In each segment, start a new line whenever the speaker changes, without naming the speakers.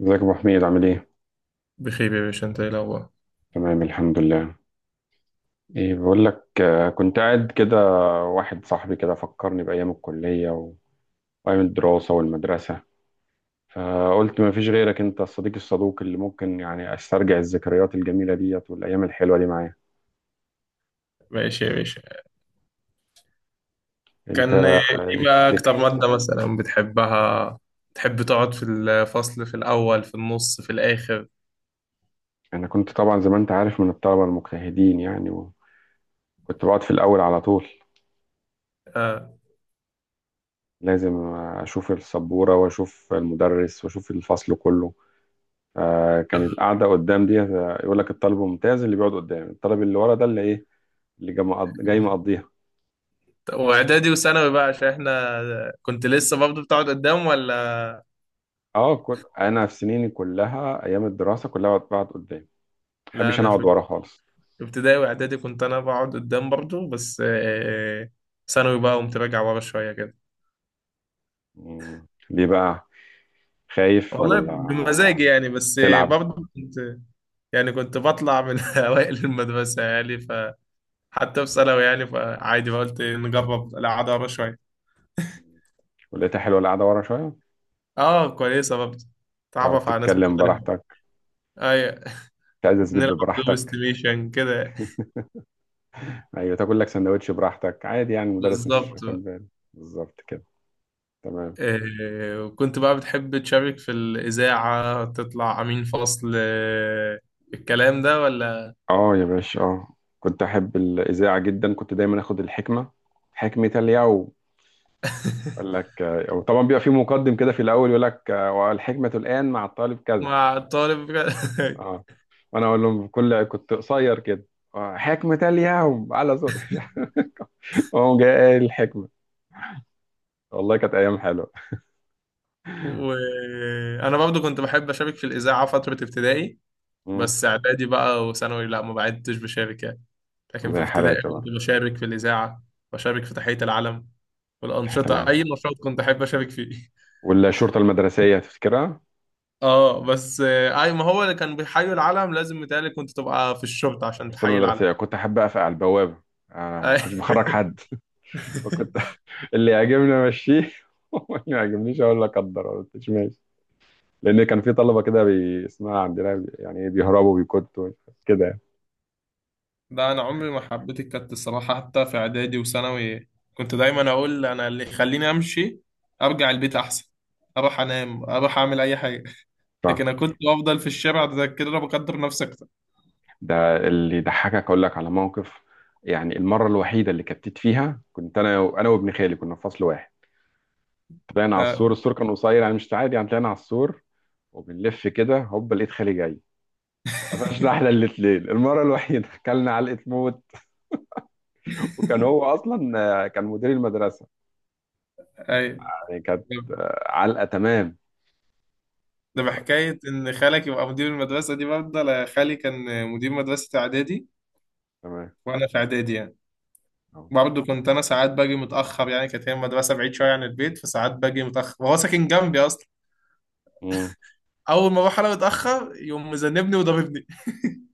ازيك يا ابو حميد، عامل ايه؟
بخير يا باشا، انت ايه الاخبار؟
تمام، الحمد لله. ايه بقول لك. كنت قاعد كده. واحد صاحبي كده فكرني بايام الكليه وايام الدراسه والمدرسه. فقلت ما فيش غيرك، انت الصديق الصدوق اللي ممكن يعني استرجع الذكريات الجميله ديت والايام الحلوه دي معايا.
ماشي يا باشا.
انت؟
كان ايه بقى اكتر
تفتكر.
مادة مثلا بتحبها؟ تحب تقعد في الفصل في الاول في النص في الاخر؟
انا كنت طبعا زي ما انت عارف من الطلبه المجتهدين يعني، وكنت بقعد في الاول على طول.
آه.
لازم اشوف السبوره واشوف المدرس واشوف الفصل كله. فكان القعده قدام دي يقول لك الطالب الممتاز اللي بيقعد قدام، الطالب اللي ورا ده اللي ايه، اللي جاي مقضيها.
واعدادي وثانوي بقى، عشان احنا كنت لسه برضه بتقعد قدام ولا؟
اه، كل انا في سنيني كلها، ايام الدراسه كلها بقعد قدام، ما
لا
بحبش انا
انا
اقعد
في
ورا خالص.
ابتدائي واعدادي كنت انا بقعد قدام برضه، بس ثانوي بقى قمت راجع ورا شوية كده.
مم. ليه بقى؟ خايف
والله
ولا
بمزاجي يعني. بس
تلعب؟
برضه كنت، يعني كنت بطلع من اوائل المدرسة يعني حتى في ثانوي يعني، فعادي بقى قلت نجرب العذارة شوية.
ولقيتها حلوه القعده ورا شويه.
اه كويسة برضه،
تعرف
تعرف على ناس
تتكلم
مختلفة.
براحتك.
ايوه
تعزز لب
نلعب دور
براحتك.
استيميشن كده.
ايوه، تاكل لك سندوتش براحتك عادي يعني، المدرس مش
بالظبط
واخد
بقى.
باله. بالظبط كده. تمام.
وكنت بقى بتحب تشارك في الإذاعة، تطلع أمين فصل الكلام ده ولا؟
اه يا باشا، اه. كنت احب الاذاعه جدا، كنت دايما اخد الحكمه، حكمه اليوم. يقول لك وطبعا بيبقى في مقدم كده في الاول، يقول لك والحكمه الان مع الطالب كذا.
مع الطالب
اه، وانا اقول لهم بكل، كنت قصير كده. حكمه اليوم على صوت هو جاي قايل الحكمه. والله كانت ايام حلوه.
وأنا برضو كنت بحب أشارك في الإذاعة فترة ابتدائي.
مم.
بس اعدادي بقى وثانوي لا، ما بعدتش بشارك يعني. لكن في
زي
ابتدائي
حالاتي بقى.
كنت بشارك في الإذاعة، بشارك في تحية العلم
حياة
والأنشطة.
العام.
أي نشاط كنت أحب أشارك فيه
والشرطه المدرسيه تفتكرها؟
اه بس اي ما هو اللي كان بيحيي العلم لازم متهيألي كنت تبقى في الشرطة عشان
الشرطه
تحيي العلم.
المدرسيه كنت احب اقف على البوابه. ما
أي.
كنتش بخرج حد. وكنت اللي يعجبني امشيه واللي ما يعجبنيش اقول لك قدر ما قلتش ماشي. لان كان في طلبه كده اسمها عندنا يعني إيه، بيهربوا بيكتوا كده يعني.
ده انا عمري ما حبيت الكت الصراحة، حتى في اعدادي وثانوي كنت دايما اقول انا، اللي يخليني امشي ارجع البيت احسن، اروح انام اروح اعمل اي حاجة.
صح.
لكن انا كنت بفضل في الشارع ده كده، انا بقدر نفسك.
ده اللي يضحكك، اقول لك على موقف. يعني المره الوحيده اللي كتت فيها كنت انا وابن خالي كنا في فصل واحد. طلعنا على
اه
السور، السور كان قصير يعني، مش عادي يعني، طلعنا على السور وبنلف كده هوب لقيت خالي جاي. قفشنا احنا الاتنين، المره الوحيده اكلنا علقه موت. وكان هو اصلا كان مدير المدرسه.
اي،
يعني كانت علقه. تمام.
ده
الله.
بحكاية إن خالك يبقى مدير المدرسة دي، برضه أنا خالي كان مدير مدرسة إعدادي
تمام.
وأنا في إعدادي يعني.
أهو.
برضه كنت أنا ساعات باجي متأخر يعني، كانت هي المدرسة بعيد شوية عن البيت، فساعات باجي متأخر وهو ساكن جنبي أصلا.
امم
أول ما أروح أنا متأخر يقوم مذنبني وضاربني.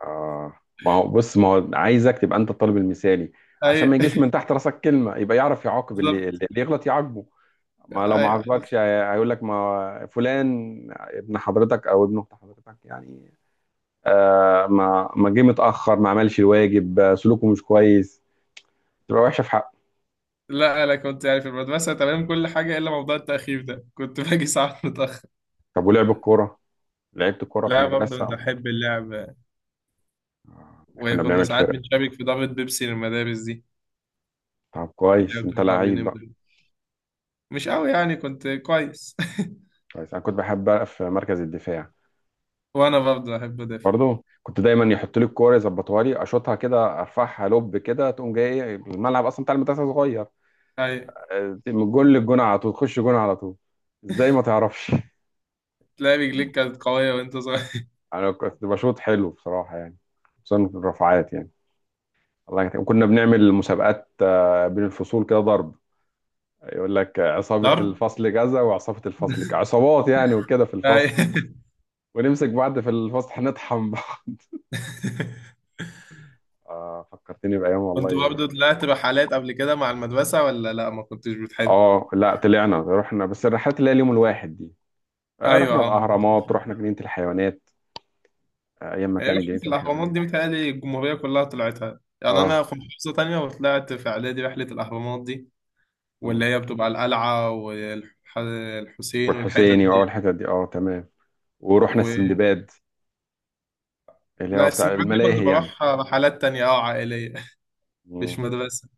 آه، ما هو بص، ما هو عايزك تبقى انت الطالب المثالي، عشان ما
أي
يجيش من تحت راسك كلمه، يبقى يعرف يعاقب اللي,
بالظبط.
اللي يغلط يعاقبه. ما لو ما
أي.
عاقبكش هيقول لك ما فلان ابن حضرتك او ابن اخت حضرتك يعني. ما جه متاخر، ما عملش الواجب، سلوكه مش كويس، تبقى وحشه في حقه.
لا أنا كنت يعني في المدرسة تمام كل حاجة، إلا موضوع التأخير ده كنت باجي ساعات متأخر.
طب ولعب الكوره؟ لعبت الكوره في
لا برضه
المدرسه؟
بحب اللعب،
احنا كنا
وكنا
بنعمل
ساعات
فرق.
بنشارك في ضربة بيبسي للمدارس دي.
طب
اللي
كويس،
هو
انت
بتلعب مين،
لعيب بقى.
امبابي؟ مش قوي يعني، كنت كويس
كويس، انا كنت بحب بقى في مركز الدفاع.
وانا برضه احب ادافع.
برضه كنت دايما يحط لي الكوره يظبطها لي اشوطها كده، ارفعها لوب كده تقوم جاي، ايه الملعب اصلا بتاع المدرسه صغير.
اي،
من جول للجون على طول، تخش جون على طول. ازاي ما تعرفش
تلاقي رجليك كانت قويه وانت صغير.
انا كنت بشوط حلو بصراحه يعني، خصوصا في الرفعات يعني. الله يكتب. وكنا بنعمل مسابقات بين الفصول كده، ضرب. يقول لك عصابه
ضرب.
الفصل كذا وعصابه الفصل كذا، عصابات يعني وكده في
اي
الفصل. ونمسك بعض في الفصل، هنطحن بعض فكرتني بايام
كنت
والله.
برضه طلعت رحلات قبل كده مع المدرسه ولا لا ما كنتش بتحب؟
اه لا، طلعنا رحنا، بس الرحلات اللي هي اليوم الواحد دي.
ايوه
رحنا
اه.
الأهرامات، رحنا جنينة الحيوانات. أيام ما
هي
كانت
رحله
جنينة
الاهرامات
الحيوانات.
دي متهيألي الجمهوريه كلها طلعتها يعني،
اه.
انا في محافظه تانية وطلعت في اعدادي رحله الاهرامات دي، واللي
مم.
هي بتبقى القلعه والحسين والحتت
والحسيني
دي.
وأول الحتت دي، اه تمام. ورحنا
و...
السندباد، اللي هو
لا
بتاع
السندباد دي كنت
الملاهي يعني.
بروح رحلات تانية، اه عائلية، مش
مم.
مدرسة.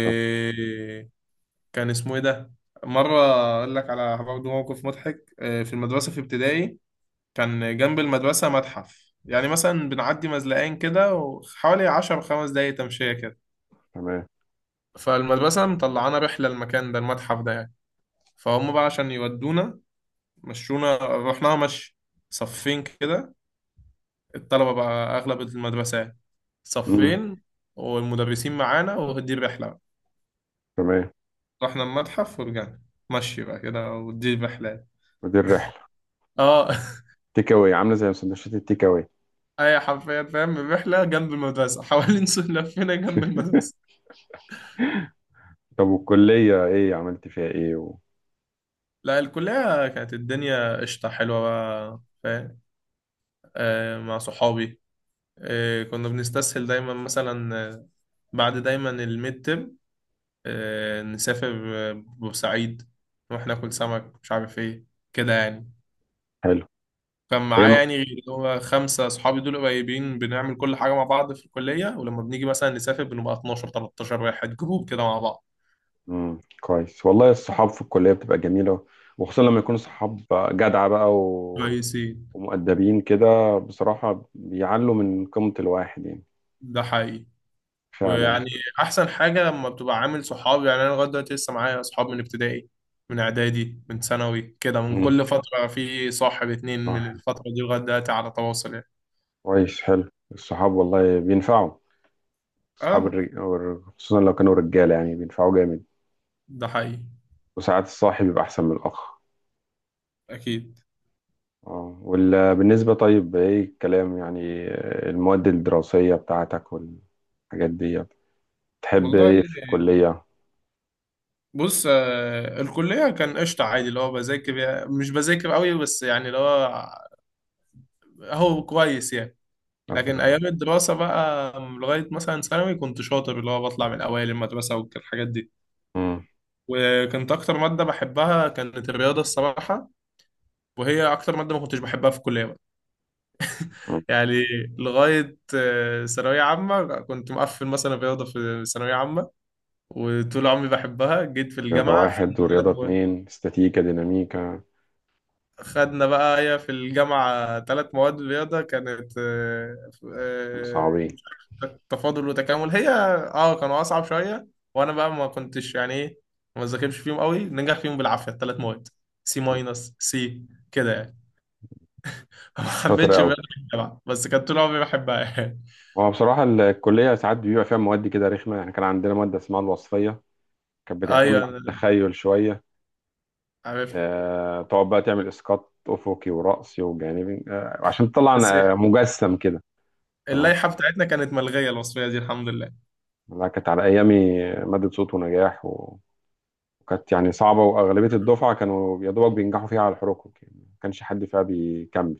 طب
اسمه ايه ده؟ مرة، اقول لك على برضه موقف مضحك في المدرسة في ابتدائي. كان جنب المدرسة متحف يعني، مثلا بنعدي مزلقين كده وحوالي عشر خمس دقايق تمشية كده.
تمام.
فالمدرسة مطلعانا رحلة المكان ده، المتحف ده يعني. فهم بقى عشان يودونا مشونا، رحناها مشي، صفين كده الطلبة بقى أغلب المدرسة يعني،
مم.
صفين والمدرسين معانا ودي الرحلة.
تمام.
رحنا المتحف ورجعنا مشي بقى كده، ودي الرحلات.
ودي الرحلة.
اه
تيك أواي، عاملة زي سندوتشات التيك أواي.
اي حرفيا فاهم، الرحله جنب المدرسه حوالين سور لفينا جنب المدرسه.
طب والكلية إيه عملت فيها إيه؟
لا الكلية كانت الدنيا قشطة حلوة بقى فاهم، آه مع صحابي. آه كنا بنستسهل دايما، مثلا بعد دايما الميد ترم نسافر بورسعيد، نروح ناكل سمك مش عارف ايه، كده يعني.
حلو.
كان معاه
أيام.
يعني، غير اللي هو خمسة صحابي دول قريبين بنعمل كل حاجة مع بعض في الكلية، ولما بنيجي مثلا نسافر بنبقى 12 13 واحد، جروب كده مع بعض
مم. كويس والله، الصحاب في الكلية بتبقى جميلة، وخصوصا لما يكونوا صحاب جدعة بقى
كويسين.
ومؤدبين كده. بصراحة بيعلوا من قيمة الواحد يعني.
ده حقيقي.
فعلا.
ويعني أحسن حاجة لما بتبقى عامل صحاب يعني، أنا لغاية دلوقتي لسه معايا صحاب من ابتدائي، من إعدادي، من ثانوي، كده من
مم.
كل فترة في صاحب اتنين من
صح.
الفترة دي لغاية دلوقتي على تواصل يعني.
كويس، حلو الصحاب والله، بينفعوا. الصحاب
آه،
خصوصا لو كانوا رجالة يعني، بينفعوا جامد.
ده حقيقي.
وساعات الصاحب بيبقى أحسن من الأخ.
أكيد.
اه بالنسبة، طيب إيه الكلام يعني، المواد الدراسية بتاعتك والحاجات دي، بتحب
والله
إيه في الكلية؟
بص، الكلية كان قشطة عادي، اللي هو بذاكر مش بذاكر قوي بس، يعني اللي هو هو كويس يعني.
عبد
لكن
الوهاب.
ايام الدراسه بقى لغايه مثلا ثانوي كنت شاطر، اللي هو بطلع من اوائل المدرسه والحاجات دي.
مم.
وكانت اكتر ماده بحبها كانت الرياضه الصراحه، وهي اكتر ماده ما كنتش بحبها في الكليه بقى.
مم.
يعني لغايه ثانويه عامه كنت مقفل مثلا الرياضه في ثانويه عامه، وطول عمري بحبها. جيت في
رياضة
الجامعه خدنا
واحد
ثلاث
ورياضة
مواد.
اتنين، استاتيكا ديناميكا.
خدنا بقى هي في الجامعه ثلاث مواد رياضه كانت
كانوا
آه،
صعبين؟
تفاضل وتكامل هي. اه كانوا اصعب شويه، وانا بقى ما كنتش يعني ايه، ما ذاكرش فيهم قوي، ننجح فيهم بالعافيه الثلاث مواد، سي ماينس سي كده يعني. ما
شاطر
حبيتش
أوي.
بقى الجامعه، بس كانت طول عمري بحبها يعني.
هو بصراحة الكلية ساعات بيبقى فيها مواد كده رخمة يعني، كان عندنا مادة اسمها الوصفية، كانت بتعتمد
ايوه
على
أنا
التخيل شوية.
عارف.
تقعد بقى تعمل إسقاط أفقي ورأسي وجانبي عشان تطلع
بس
مجسم كده. تمام.
اللائحه بتاعتنا كانت ملغيه الوصفيه دي الحمد لله.
لا كانت على أيامي، مادة صوت ونجاح، وكانت يعني صعبة، وأغلبية الدفعة كانوا يا دوبك بينجحوا فيها على الحروق يعني، ما كانش حد فيها بيكمل.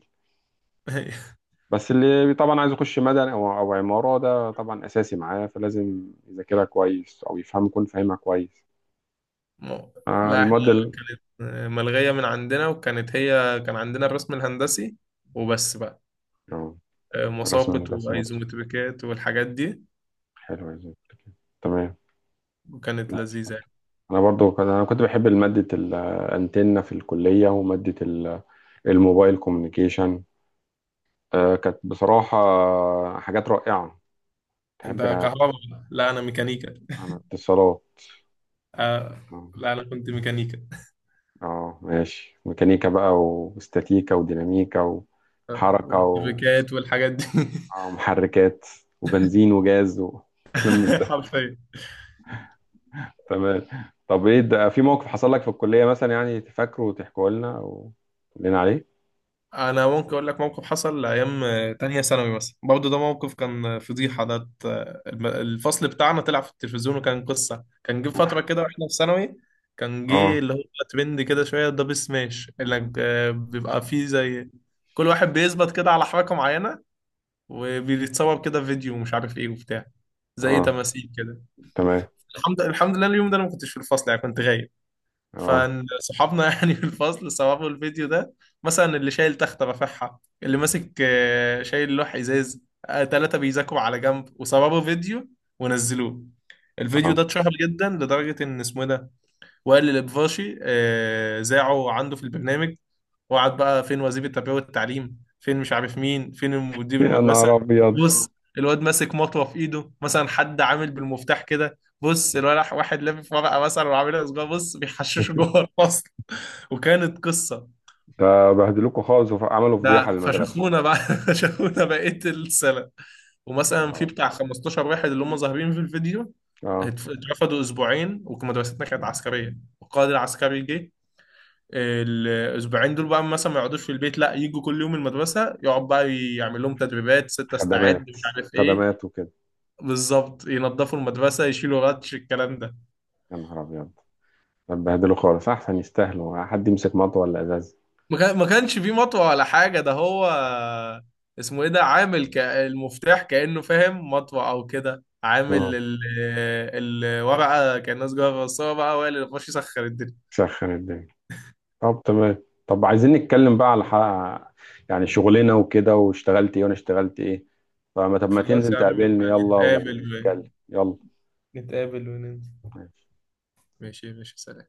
بس اللي طبعا عايز يخش مدني أو عمارة، ده طبعا أساسي معاه، فلازم يذاكرها كويس أو يفهم، يكون فاهمها كويس.
مو-
آه،
لا احنا
المواد ال-
ملغيه من عندنا، وكانت هي كان عندنا الرسم الهندسي وبس بقى،
آه، الرسم
مساقط
الهندسي برضه،
وايزومتريكات والحاجات دي،
حلو زي كده. تمام.
وكانت لذيذه.
انا كنت بحب ماده الانتنه في الكليه الموبايل كوميونيكيشن. كانت بصراحه حاجات رائعه.
انت
تحب
كهرباء؟ لا انا ميكانيكا.
عن اتصالات؟
آه.
اه.
لا انا كنت ميكانيكا،
ماشي، ميكانيكا بقى، واستاتيكا وديناميكا وحركه
ومفبركات والحاجات دي.
ومحركات وبنزين وجاز وكلام من ده.
حرفيا.
تمام. طب ايه ده، في موقف حصل لك في الكليه مثلا يعني تفكره وتحكوا لنا وتقول لنا عليه؟
انا ممكن اقول لك موقف حصل ايام تانية ثانوي مثلا برضه، ده موقف كان فضيحه ده. الفصل بتاعنا طلع في التلفزيون، وكان قصه. كان جه
اوف.
فتره كده واحنا في ثانوي، كان
اه.
جه اللي هو ترند كده شويه دبل سماش، اللي بيبقى فيه زي كل واحد بيثبت كده على حركه معينه وبيتصور كده فيديو ومش عارف ايه وبتاع، زي
اه.
تماثيل كده.
تمام.
الحمد لله اليوم ده انا ما كنتش في الفصل يعني، كنت غايب.
اه.
فصحابنا يعني في الفصل صوروا الفيديو ده، مثلا اللي شايل تخته رافعها، اللي ماسك شايل لوح ازاز، ثلاثه بيذاكروا على جنب، وصوروا فيديو ونزلوه. الفيديو
اه.
ده اتشهر جدا، لدرجه ان اسمه إيه ده، وائل الابفاشي ذاعه عنده في البرنامج، واقعد بقى فين وزير التربيه والتعليم فين مش عارف مين فين مدير
يا
المدرسه.
نهار ابيض.
بص الواد ماسك مطوه في ايده، مثلا حد عامل بالمفتاح كده، بص الولد واحد لافف ورقه مثلا وعاملها صغير، بص بيحششوا جوه الفصل، وكانت قصه.
ده بهدلوكوا خالص وعملوا فضيحه
ده
للمدرسه.
فشخونا بقى فشخونا بقيه السنه.
يا
ومثلا
نهار
في
أبيض.
بتاع 15 واحد اللي هم ظاهرين في الفيديو،
اه.
اترفدوا اسبوعين. ومدرستنا كانت عسكريه، والقائد العسكري جه الاسبوعين دول بقى، مثلا ما يقعدوش في البيت، لا يجوا كل يوم المدرسه، يقعد بقى يعمل لهم تدريبات ستة استعد
خدمات،
مش عارف ايه.
خدمات وكده.
بالظبط، ينظفوا المدرسه يشيلوا غطش، الكلام ده.
يا نهار ابيض. ده بهدلوا خالص، احسن يستاهلوا، حد يمسك مطوه ولا ازاز.
ما كانش فيه مطوه ولا حاجه، ده هو اسمه ايه ده عامل المفتاح كانه فاهم مطوه او كده، عامل
مم.
الورقه كانها سجاره، بس هو بقى هو اللي بيخش يسخر الدنيا.
سخن الدنيا. طب تمام، طب عايزين نتكلم بقى على حق، يعني شغلنا وكده، واشتغلت ايه وانا اشتغلت ايه. فما طب، ما
خلاص
تنزل
يا عم
تقابلني
نبقى
يلا
نتقابل.
ونتكلم. يلا.
نتقابل وننزل.
ماشي.
ماشي ماشي سلام.